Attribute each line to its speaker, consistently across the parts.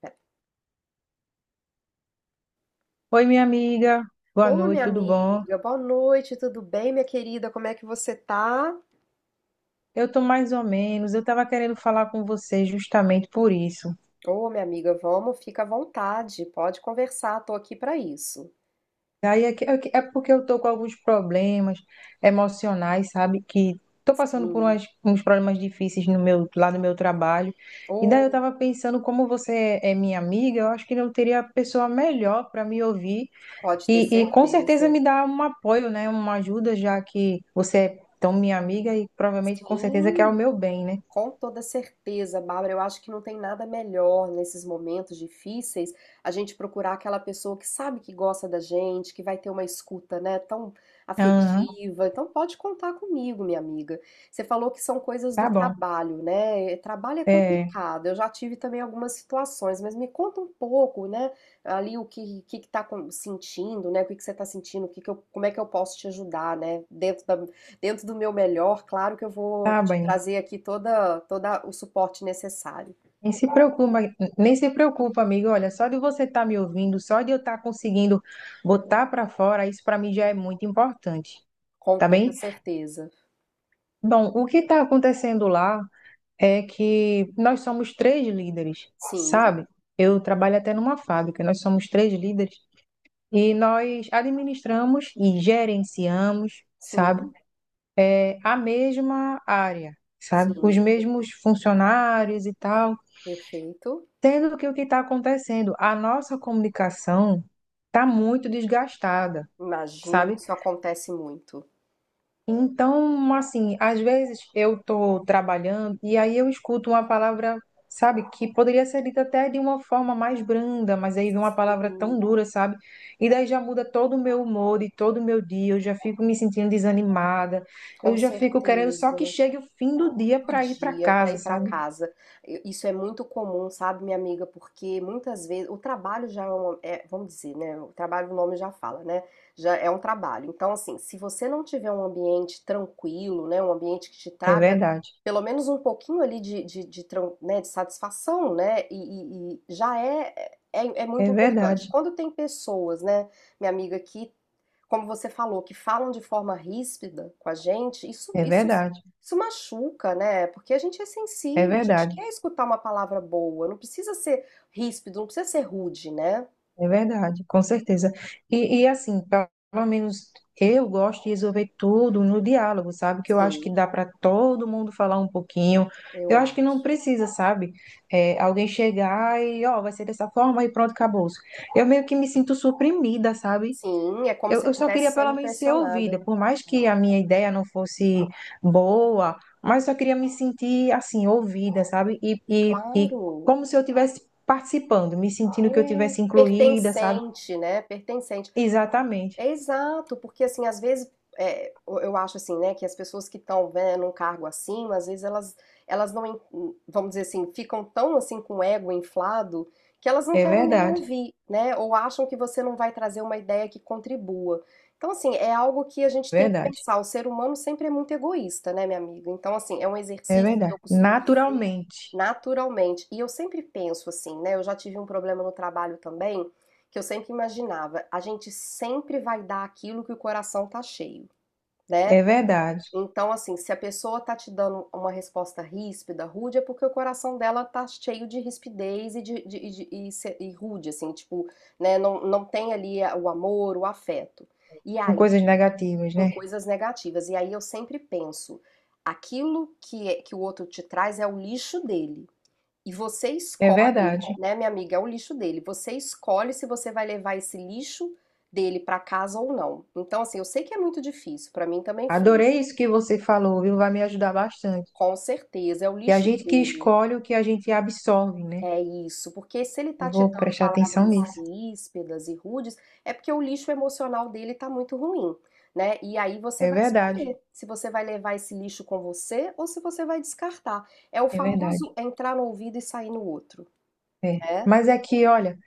Speaker 1: Pera.
Speaker 2: Oi, minha amiga. Boa
Speaker 1: Ô,
Speaker 2: noite,
Speaker 1: minha
Speaker 2: tudo bom?
Speaker 1: amiga, boa noite, tudo bem, minha querida? Como é que você tá?
Speaker 2: Eu tô mais ou menos. Eu estava querendo falar com você justamente por isso.
Speaker 1: Ô, minha amiga, vamos, fica à vontade, pode conversar, tô aqui pra isso.
Speaker 2: Daí é porque eu tô com alguns problemas emocionais, sabe? Que tô passando
Speaker 1: Sim.
Speaker 2: uns problemas difíceis lá no meu trabalho. E daí eu
Speaker 1: Ô,
Speaker 2: estava pensando, como você é minha amiga, eu acho que não teria pessoa melhor para me ouvir
Speaker 1: pode ter
Speaker 2: e com certeza
Speaker 1: certeza.
Speaker 2: me dar um apoio, né? Uma ajuda, já que você é tão minha amiga e provavelmente com certeza quer o
Speaker 1: Sim,
Speaker 2: meu bem, né?
Speaker 1: com toda certeza, Bárbara, eu acho que não tem nada melhor nesses momentos difíceis a gente procurar aquela pessoa que sabe que gosta da gente, que vai ter uma escuta, né, tão
Speaker 2: Aham,
Speaker 1: afetiva. Então pode contar comigo, minha amiga. Você falou que são coisas do
Speaker 2: tá bom.
Speaker 1: trabalho, né? Trabalho é
Speaker 2: É,
Speaker 1: complicado. Eu já tive também algumas situações, mas me conta um pouco, né, ali o que que tá sentindo, né? O que que você tá sentindo? O que que eu, como é que eu posso te ajudar, né, dentro do meu melhor, claro que eu vou
Speaker 2: tá
Speaker 1: te
Speaker 2: bem.
Speaker 1: trazer aqui toda o suporte necessário,
Speaker 2: Nem se preocupa, nem se preocupa, amigo. Olha, só de você estar me ouvindo, só de eu estar conseguindo botar para fora, isso para mim já é muito importante,
Speaker 1: com
Speaker 2: tá
Speaker 1: toda
Speaker 2: bem?
Speaker 1: certeza.
Speaker 2: Bom, o que está acontecendo lá é que nós somos três líderes,
Speaker 1: Sim,
Speaker 2: sabe? Eu trabalho até numa fábrica, nós somos três líderes e nós administramos e gerenciamos, sabe?
Speaker 1: sim,
Speaker 2: É, a mesma área, sabe? Os
Speaker 1: sim,
Speaker 2: mesmos funcionários e tal.
Speaker 1: perfeito.
Speaker 2: Sendo que o que está acontecendo, a nossa comunicação está muito desgastada,
Speaker 1: Imagino,
Speaker 2: sabe?
Speaker 1: isso acontece muito.
Speaker 2: Então, assim, às vezes eu estou trabalhando e aí eu escuto uma palavra, sabe, que poderia ser dita até de uma forma mais branda, mas aí vem uma palavra
Speaker 1: Sim,
Speaker 2: tão dura, sabe? E daí já muda todo o meu humor e todo o meu dia, eu já fico me sentindo desanimada,
Speaker 1: com
Speaker 2: eu já fico querendo só que
Speaker 1: certeza.
Speaker 2: chegue o fim do dia
Speaker 1: Do
Speaker 2: para ir para
Speaker 1: dia para
Speaker 2: casa,
Speaker 1: ir para
Speaker 2: sabe?
Speaker 1: casa. Isso é muito comum, sabe, minha amiga? Porque muitas vezes o trabalho já é, uma, é, vamos dizer, né? O trabalho, o nome já fala, né? Já é um trabalho. Então, assim, se você não tiver um ambiente tranquilo, né? Um ambiente que te
Speaker 2: É
Speaker 1: traga
Speaker 2: verdade,
Speaker 1: pelo menos um pouquinho ali né, de satisfação, né? E já é, muito
Speaker 2: é
Speaker 1: importante.
Speaker 2: verdade,
Speaker 1: Quando tem pessoas, né, minha amiga, que, como você falou, que falam de forma ríspida com a gente, isso,
Speaker 2: é
Speaker 1: isso
Speaker 2: verdade,
Speaker 1: isso machuca, né, porque a gente é
Speaker 2: é
Speaker 1: sensível, a gente
Speaker 2: verdade.
Speaker 1: quer escutar uma palavra boa, não precisa ser ríspido, não precisa ser rude, né.
Speaker 2: É verdade, com certeza. E assim, pelo menos eu gosto de resolver tudo no diálogo, sabe? Que eu acho que
Speaker 1: Sim,
Speaker 2: dá para todo mundo falar um pouquinho.
Speaker 1: eu
Speaker 2: Eu acho que não
Speaker 1: acho.
Speaker 2: precisa, sabe? É, alguém chegar e, ó, vai ser dessa forma e pronto, acabou. Eu meio que me sinto suprimida, sabe?
Speaker 1: Sim, é como
Speaker 2: Eu,
Speaker 1: se eu
Speaker 2: eu só queria
Speaker 1: estivesse
Speaker 2: pelo
Speaker 1: sendo
Speaker 2: menos ser
Speaker 1: pressionada.
Speaker 2: ouvida, por mais que
Speaker 1: É,
Speaker 2: a minha ideia não fosse boa, mas só queria me sentir assim, ouvida, sabe? E
Speaker 1: claro,
Speaker 2: como se eu tivesse participando, me sentindo que eu
Speaker 1: é
Speaker 2: tivesse incluída, sabe?
Speaker 1: pertencente, né, pertencente.
Speaker 2: Exatamente.
Speaker 1: É exato, porque assim, às vezes, é, eu acho assim, né, que as pessoas que estão, né, num cargo acima, às vezes elas, elas não, en- vamos dizer assim, ficam tão assim com o ego inflado que elas não
Speaker 2: É
Speaker 1: querem nem
Speaker 2: verdade,
Speaker 1: ouvir, né, ou acham que você não vai trazer uma ideia que contribua. Então, assim, é algo que a gente tem que
Speaker 2: verdade,
Speaker 1: pensar. O ser humano sempre é muito egoísta, né, minha amiga? Então, assim, é um
Speaker 2: é
Speaker 1: exercício que
Speaker 2: verdade.
Speaker 1: eu costumo dizer
Speaker 2: Naturalmente,
Speaker 1: naturalmente. E eu sempre penso assim, né, eu já tive um problema no trabalho também que eu sempre imaginava. A gente sempre vai dar aquilo que o coração tá cheio, né?
Speaker 2: é verdade.
Speaker 1: Então, assim, se a pessoa tá te dando uma resposta ríspida, rude, é porque o coração dela tá cheio de rispidez e rude, assim, tipo, né? Não, não tem ali o amor, o afeto. E
Speaker 2: Com
Speaker 1: aí,
Speaker 2: coisas negativas,
Speaker 1: com
Speaker 2: né?
Speaker 1: coisas negativas. E aí eu sempre penso, aquilo que o outro te traz é o lixo dele. E você
Speaker 2: É
Speaker 1: escolhe,
Speaker 2: verdade.
Speaker 1: né, minha amiga, é o lixo dele. Você escolhe se você vai levar esse lixo dele para casa ou não. Então, assim, eu sei que é muito difícil, para mim também foi.
Speaker 2: Adorei isso que você falou, viu? Vai me ajudar bastante.
Speaker 1: Com certeza, é o
Speaker 2: E a
Speaker 1: lixo
Speaker 2: gente que
Speaker 1: dele.
Speaker 2: escolhe o que a gente absorve, né?
Speaker 1: É isso, porque se ele
Speaker 2: Eu
Speaker 1: tá te
Speaker 2: vou
Speaker 1: dando
Speaker 2: prestar atenção
Speaker 1: palavras
Speaker 2: nisso.
Speaker 1: ríspidas e rudes, é porque o lixo emocional dele tá muito ruim, né? E aí você
Speaker 2: É
Speaker 1: vai
Speaker 2: verdade,
Speaker 1: escolher se você vai levar esse lixo com você ou se você vai descartar. É o
Speaker 2: é verdade.
Speaker 1: famoso entrar no ouvido e sair no outro,
Speaker 2: É.
Speaker 1: né?
Speaker 2: Mas é que, olha.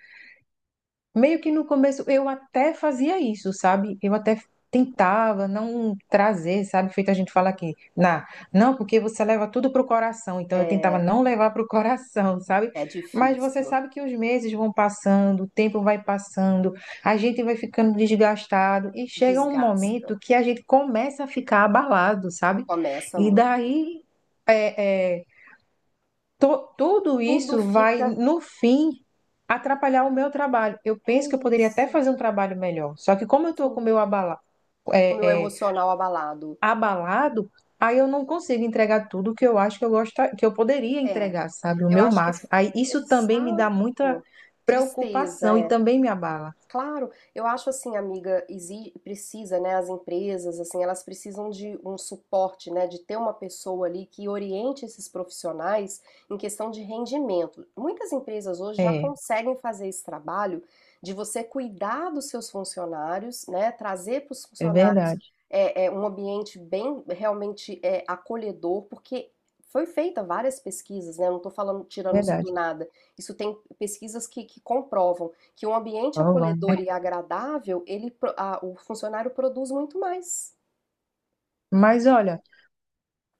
Speaker 2: Meio que no começo eu até fazia isso, sabe? Eu até tentava não trazer, sabe? Feito a gente fala aqui, na, não, porque você leva tudo pro coração. Então eu tentava
Speaker 1: É,
Speaker 2: não levar pro coração, sabe?
Speaker 1: é
Speaker 2: Mas você
Speaker 1: difícil.
Speaker 2: sabe que os meses vão passando, o tempo vai passando, a gente vai ficando desgastado e chega um
Speaker 1: Desgasta,
Speaker 2: momento que a gente começa a ficar abalado, sabe?
Speaker 1: começa
Speaker 2: E
Speaker 1: muito.
Speaker 2: daí é, é, tudo
Speaker 1: Tudo
Speaker 2: isso vai,
Speaker 1: fica
Speaker 2: no fim, atrapalhar o meu trabalho. Eu
Speaker 1: é
Speaker 2: penso que eu poderia até
Speaker 1: isso,
Speaker 2: fazer um trabalho melhor. Só que como eu estou com o
Speaker 1: sim.
Speaker 2: meu abala,
Speaker 1: O meu
Speaker 2: é, é,
Speaker 1: emocional abalado.
Speaker 2: abalado, aí eu não consigo entregar tudo que eu acho que eu gosto, que eu poderia
Speaker 1: É,
Speaker 2: entregar, sabe? O
Speaker 1: eu
Speaker 2: meu
Speaker 1: acho que
Speaker 2: máximo. Aí isso também me dá muita
Speaker 1: exato. Tristeza,
Speaker 2: preocupação e
Speaker 1: é.
Speaker 2: também me abala.
Speaker 1: Claro, eu acho assim, amiga, precisa, né, as empresas, assim, elas precisam de um suporte, né, de ter uma pessoa ali que oriente esses profissionais em questão de rendimento. Muitas empresas hoje já
Speaker 2: É,
Speaker 1: conseguem fazer esse trabalho de você cuidar dos seus funcionários, né, trazer para os
Speaker 2: é
Speaker 1: funcionários
Speaker 2: verdade,
Speaker 1: um ambiente bem realmente é, acolhedor, porque foi feita várias pesquisas, né, não estou falando
Speaker 2: é
Speaker 1: tirando isso do
Speaker 2: verdade.
Speaker 1: nada. Isso tem pesquisas que comprovam que um ambiente
Speaker 2: Então, vamos.
Speaker 1: acolhedor e agradável, ele, o funcionário produz muito mais.
Speaker 2: Mas olha.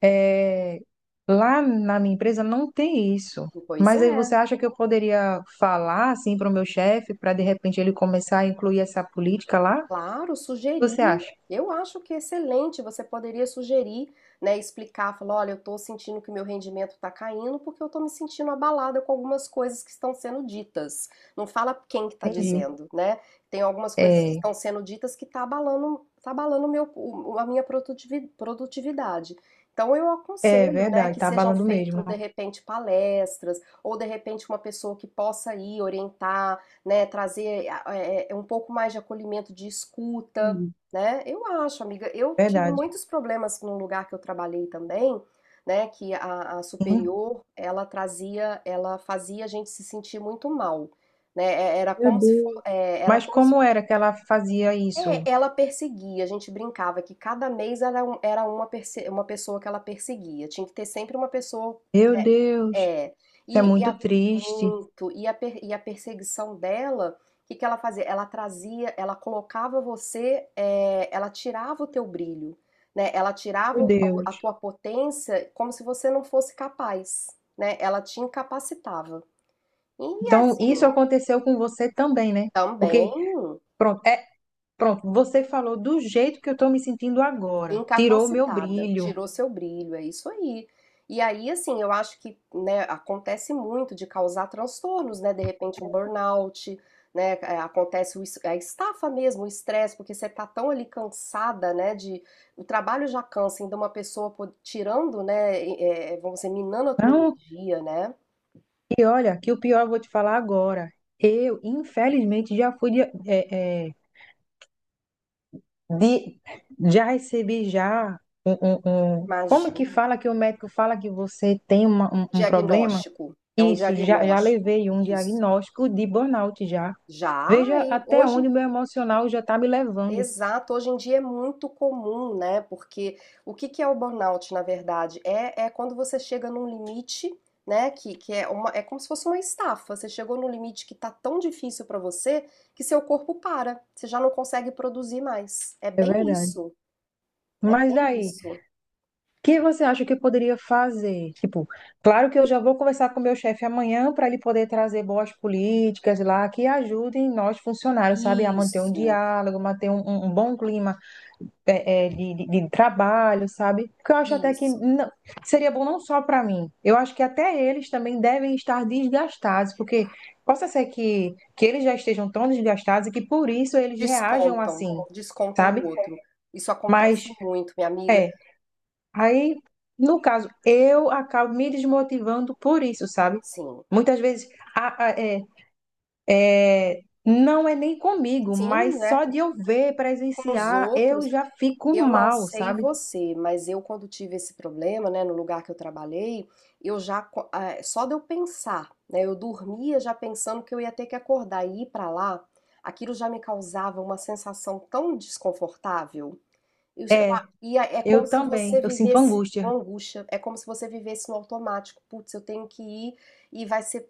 Speaker 2: É, lá na minha empresa não tem isso.
Speaker 1: Pois
Speaker 2: Mas aí
Speaker 1: é.
Speaker 2: você acha que eu poderia falar assim para o meu chefe, para de repente ele começar a incluir essa política lá?
Speaker 1: Claro,
Speaker 2: Você
Speaker 1: sugerir.
Speaker 2: acha?
Speaker 1: Eu acho que é excelente. Você poderia sugerir, né, explicar, falar, olha, eu estou sentindo que meu rendimento está caindo porque eu estou me sentindo abalada com algumas coisas que estão sendo ditas. Não fala quem que está
Speaker 2: Entendi.
Speaker 1: dizendo, né? Tem algumas coisas que
Speaker 2: É,
Speaker 1: estão sendo ditas que está abalando, tá abalando o meu, a minha produtividade. Então eu
Speaker 2: é
Speaker 1: aconselho, né,
Speaker 2: verdade,
Speaker 1: que
Speaker 2: tá
Speaker 1: sejam
Speaker 2: abalando mesmo.
Speaker 1: feitas de repente palestras ou de repente uma pessoa que possa ir orientar, né, trazer um pouco mais de acolhimento, de escuta,
Speaker 2: Hum,
Speaker 1: né? Eu acho, amiga, eu tive
Speaker 2: Verdade.
Speaker 1: muitos problemas num lugar que eu trabalhei também, né, que a
Speaker 2: Sim.
Speaker 1: superior, ela trazia, ela fazia a gente se sentir muito mal, né? Era
Speaker 2: Meu
Speaker 1: como se for,
Speaker 2: Deus.
Speaker 1: é, era
Speaker 2: Mas
Speaker 1: como se,
Speaker 2: como era que ela fazia isso?
Speaker 1: é, ela perseguia, a gente brincava que cada mês era, era uma, uma pessoa que ela perseguia, tinha que ter sempre uma pessoa
Speaker 2: Meu Deus,
Speaker 1: é,
Speaker 2: isso é
Speaker 1: e, e
Speaker 2: muito
Speaker 1: a,
Speaker 2: triste.
Speaker 1: e a perseguição dela, o que que ela fazia? Ela trazia, ela colocava você, é, ela tirava o teu brilho, né? Ela tirava
Speaker 2: Meu
Speaker 1: a
Speaker 2: Deus.
Speaker 1: tua potência como se você não fosse capaz, né? Ela te incapacitava. E
Speaker 2: Então,
Speaker 1: assim,
Speaker 2: isso aconteceu com você também, né? Porque,
Speaker 1: também.
Speaker 2: pronto, pronto, você falou do jeito que eu estou me sentindo agora. Tirou o meu
Speaker 1: Incapacitada,
Speaker 2: brilho.
Speaker 1: tirou seu brilho, é isso aí. E aí, assim, eu acho que, né, acontece muito de causar transtornos, né? De repente um burnout, né? Acontece o a estafa mesmo, o estresse, porque você tá tão ali cansada, né? De o trabalho já cansa, ainda uma pessoa tirando, né? Vamos dizer, minando a tua
Speaker 2: Não,
Speaker 1: energia, né?
Speaker 2: e olha, que o pior eu vou te falar agora. Eu, infelizmente, já fui de, é, é, de- já recebi já Como que
Speaker 1: Imagina.
Speaker 2: fala que o médico fala que você tem um problema?
Speaker 1: Diagnóstico. É um
Speaker 2: Isso, já, já
Speaker 1: diagnóstico.
Speaker 2: levei um
Speaker 1: Isso.
Speaker 2: diagnóstico de burnout já.
Speaker 1: Já,
Speaker 2: Veja
Speaker 1: hein?
Speaker 2: até
Speaker 1: Hoje
Speaker 2: onde o meu emocional já está me levando.
Speaker 1: Exato, hoje em dia é muito comum, né? Porque o que que é o burnout, na verdade? É quando você chega num limite, né? Que é uma, é como se fosse uma estafa. Você chegou num limite que tá tão difícil para você que seu corpo para, você já não consegue produzir mais. É
Speaker 2: É
Speaker 1: bem
Speaker 2: verdade.
Speaker 1: isso, é
Speaker 2: Mas
Speaker 1: bem
Speaker 2: daí?
Speaker 1: isso.
Speaker 2: O que você acha que eu poderia fazer? Tipo, claro que eu já vou conversar com o meu chefe amanhã para ele poder trazer boas políticas lá que ajudem nós funcionários, sabe, a manter um
Speaker 1: Isso,
Speaker 2: diálogo, manter um bom clima de trabalho, sabe? Porque eu acho até que
Speaker 1: isso.
Speaker 2: não- seria bom não só para mim, eu acho que até eles também devem estar desgastados, porque possa ser que eles já estejam tão desgastados e que por isso eles reajam
Speaker 1: Descontam,
Speaker 2: assim,
Speaker 1: descontam no
Speaker 2: sabe?
Speaker 1: outro. Isso acontece
Speaker 2: Mas.
Speaker 1: muito, minha amiga.
Speaker 2: É. Aí, no caso, eu acabo me desmotivando por isso, sabe?
Speaker 1: Sim,
Speaker 2: Muitas vezes a- a- é, não é nem comigo,
Speaker 1: sim,
Speaker 2: mas
Speaker 1: né?
Speaker 2: só de eu ver,
Speaker 1: Com os
Speaker 2: presenciar, eu
Speaker 1: outros.
Speaker 2: já fico
Speaker 1: Eu não
Speaker 2: mal,
Speaker 1: sei
Speaker 2: sabe?
Speaker 1: você, mas eu quando tive esse problema, né, no lugar que eu trabalhei, eu já, ah, só de eu pensar, né, eu dormia já pensando que eu ia ter que acordar e ir pra lá, aquilo já me causava uma sensação tão desconfortável. E, sei lá,
Speaker 2: É,
Speaker 1: e é como
Speaker 2: eu
Speaker 1: se
Speaker 2: também,
Speaker 1: você
Speaker 2: eu sinto
Speaker 1: vivesse uma
Speaker 2: angústia.
Speaker 1: angústia, é como se você vivesse no automático. Putz, eu tenho que ir e vai ser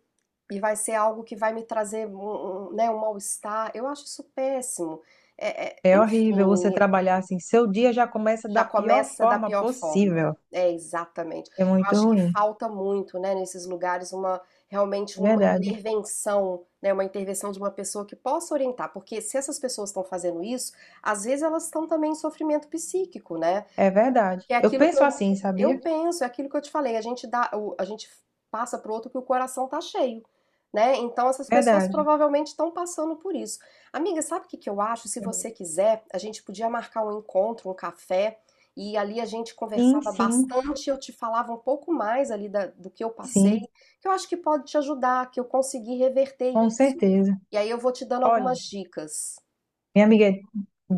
Speaker 1: e vai ser algo que vai me trazer né, um mal-estar. Eu acho isso péssimo.
Speaker 2: É horrível você
Speaker 1: Enfim,
Speaker 2: trabalhar assim, seu dia já começa da
Speaker 1: já
Speaker 2: pior
Speaker 1: começa da
Speaker 2: forma
Speaker 1: pior forma.
Speaker 2: possível.
Speaker 1: É, exatamente.
Speaker 2: É
Speaker 1: Eu
Speaker 2: muito
Speaker 1: acho que
Speaker 2: ruim,
Speaker 1: falta muito, né, nesses lugares uma realmente
Speaker 2: é
Speaker 1: uma
Speaker 2: verdade.
Speaker 1: intervenção, né, uma intervenção de uma pessoa que possa orientar, porque se essas pessoas estão fazendo isso, às vezes elas estão também em sofrimento psíquico, né?
Speaker 2: É verdade.
Speaker 1: Que é
Speaker 2: Eu
Speaker 1: aquilo que
Speaker 2: penso
Speaker 1: eu,
Speaker 2: assim, sabia?
Speaker 1: penso, é aquilo que eu te falei, a gente dá, a gente passa pro outro que o coração tá cheio, né? Então essas pessoas
Speaker 2: Verdade.
Speaker 1: provavelmente estão passando por isso. Amiga, sabe o que que eu acho? Se você quiser, a gente podia marcar um encontro, um café, e ali a gente
Speaker 2: Sim,
Speaker 1: conversava
Speaker 2: sim,
Speaker 1: bastante, eu te falava um pouco mais ali do que eu passei,
Speaker 2: sim,
Speaker 1: que eu acho que pode te ajudar, que eu consegui reverter
Speaker 2: com
Speaker 1: isso.
Speaker 2: certeza.
Speaker 1: E aí eu vou te dando algumas
Speaker 2: Olha,
Speaker 1: dicas.
Speaker 2: minha amiga,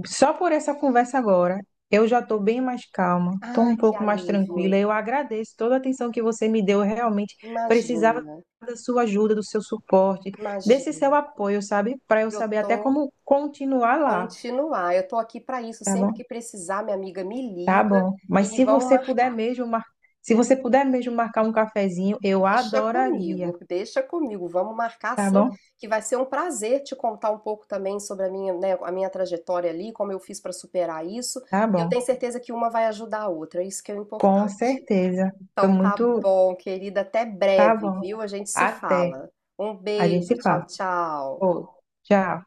Speaker 2: só por essa conversa agora, eu já estou bem mais calma, estou
Speaker 1: Ai,
Speaker 2: um
Speaker 1: que
Speaker 2: pouco mais
Speaker 1: alívio.
Speaker 2: tranquila. Eu agradeço toda a atenção que você me deu. Eu realmente precisava
Speaker 1: Imagina,
Speaker 2: da sua ajuda, do seu suporte, desse seu
Speaker 1: imagina.
Speaker 2: apoio, sabe? Para eu
Speaker 1: Eu
Speaker 2: saber até
Speaker 1: tô
Speaker 2: como continuar lá,
Speaker 1: Continuar. Eu tô aqui para isso.
Speaker 2: tá
Speaker 1: Sempre
Speaker 2: bom?
Speaker 1: que precisar, minha amiga me
Speaker 2: Tá
Speaker 1: liga
Speaker 2: bom. Mas
Speaker 1: e
Speaker 2: se
Speaker 1: vamos
Speaker 2: você puder
Speaker 1: marcar.
Speaker 2: mesmo, mar... se você puder mesmo marcar um cafezinho, eu
Speaker 1: Deixa
Speaker 2: adoraria,
Speaker 1: comigo, deixa comigo. Vamos marcar
Speaker 2: tá
Speaker 1: sim,
Speaker 2: bom?
Speaker 1: que vai ser um prazer te contar um pouco também sobre a minha, né, a minha trajetória ali, como eu fiz para superar isso.
Speaker 2: Tá
Speaker 1: E eu
Speaker 2: bom.
Speaker 1: tenho certeza que uma vai ajudar a outra. Isso que é o
Speaker 2: Com
Speaker 1: importante.
Speaker 2: certeza. Estou
Speaker 1: Então tá
Speaker 2: muito.
Speaker 1: bom, querida. Até
Speaker 2: Tá
Speaker 1: breve,
Speaker 2: bom.
Speaker 1: viu? A gente se
Speaker 2: Até.
Speaker 1: fala. Um
Speaker 2: A gente
Speaker 1: beijo.
Speaker 2: se
Speaker 1: Tchau,
Speaker 2: fala.
Speaker 1: tchau.
Speaker 2: Ô, tchau.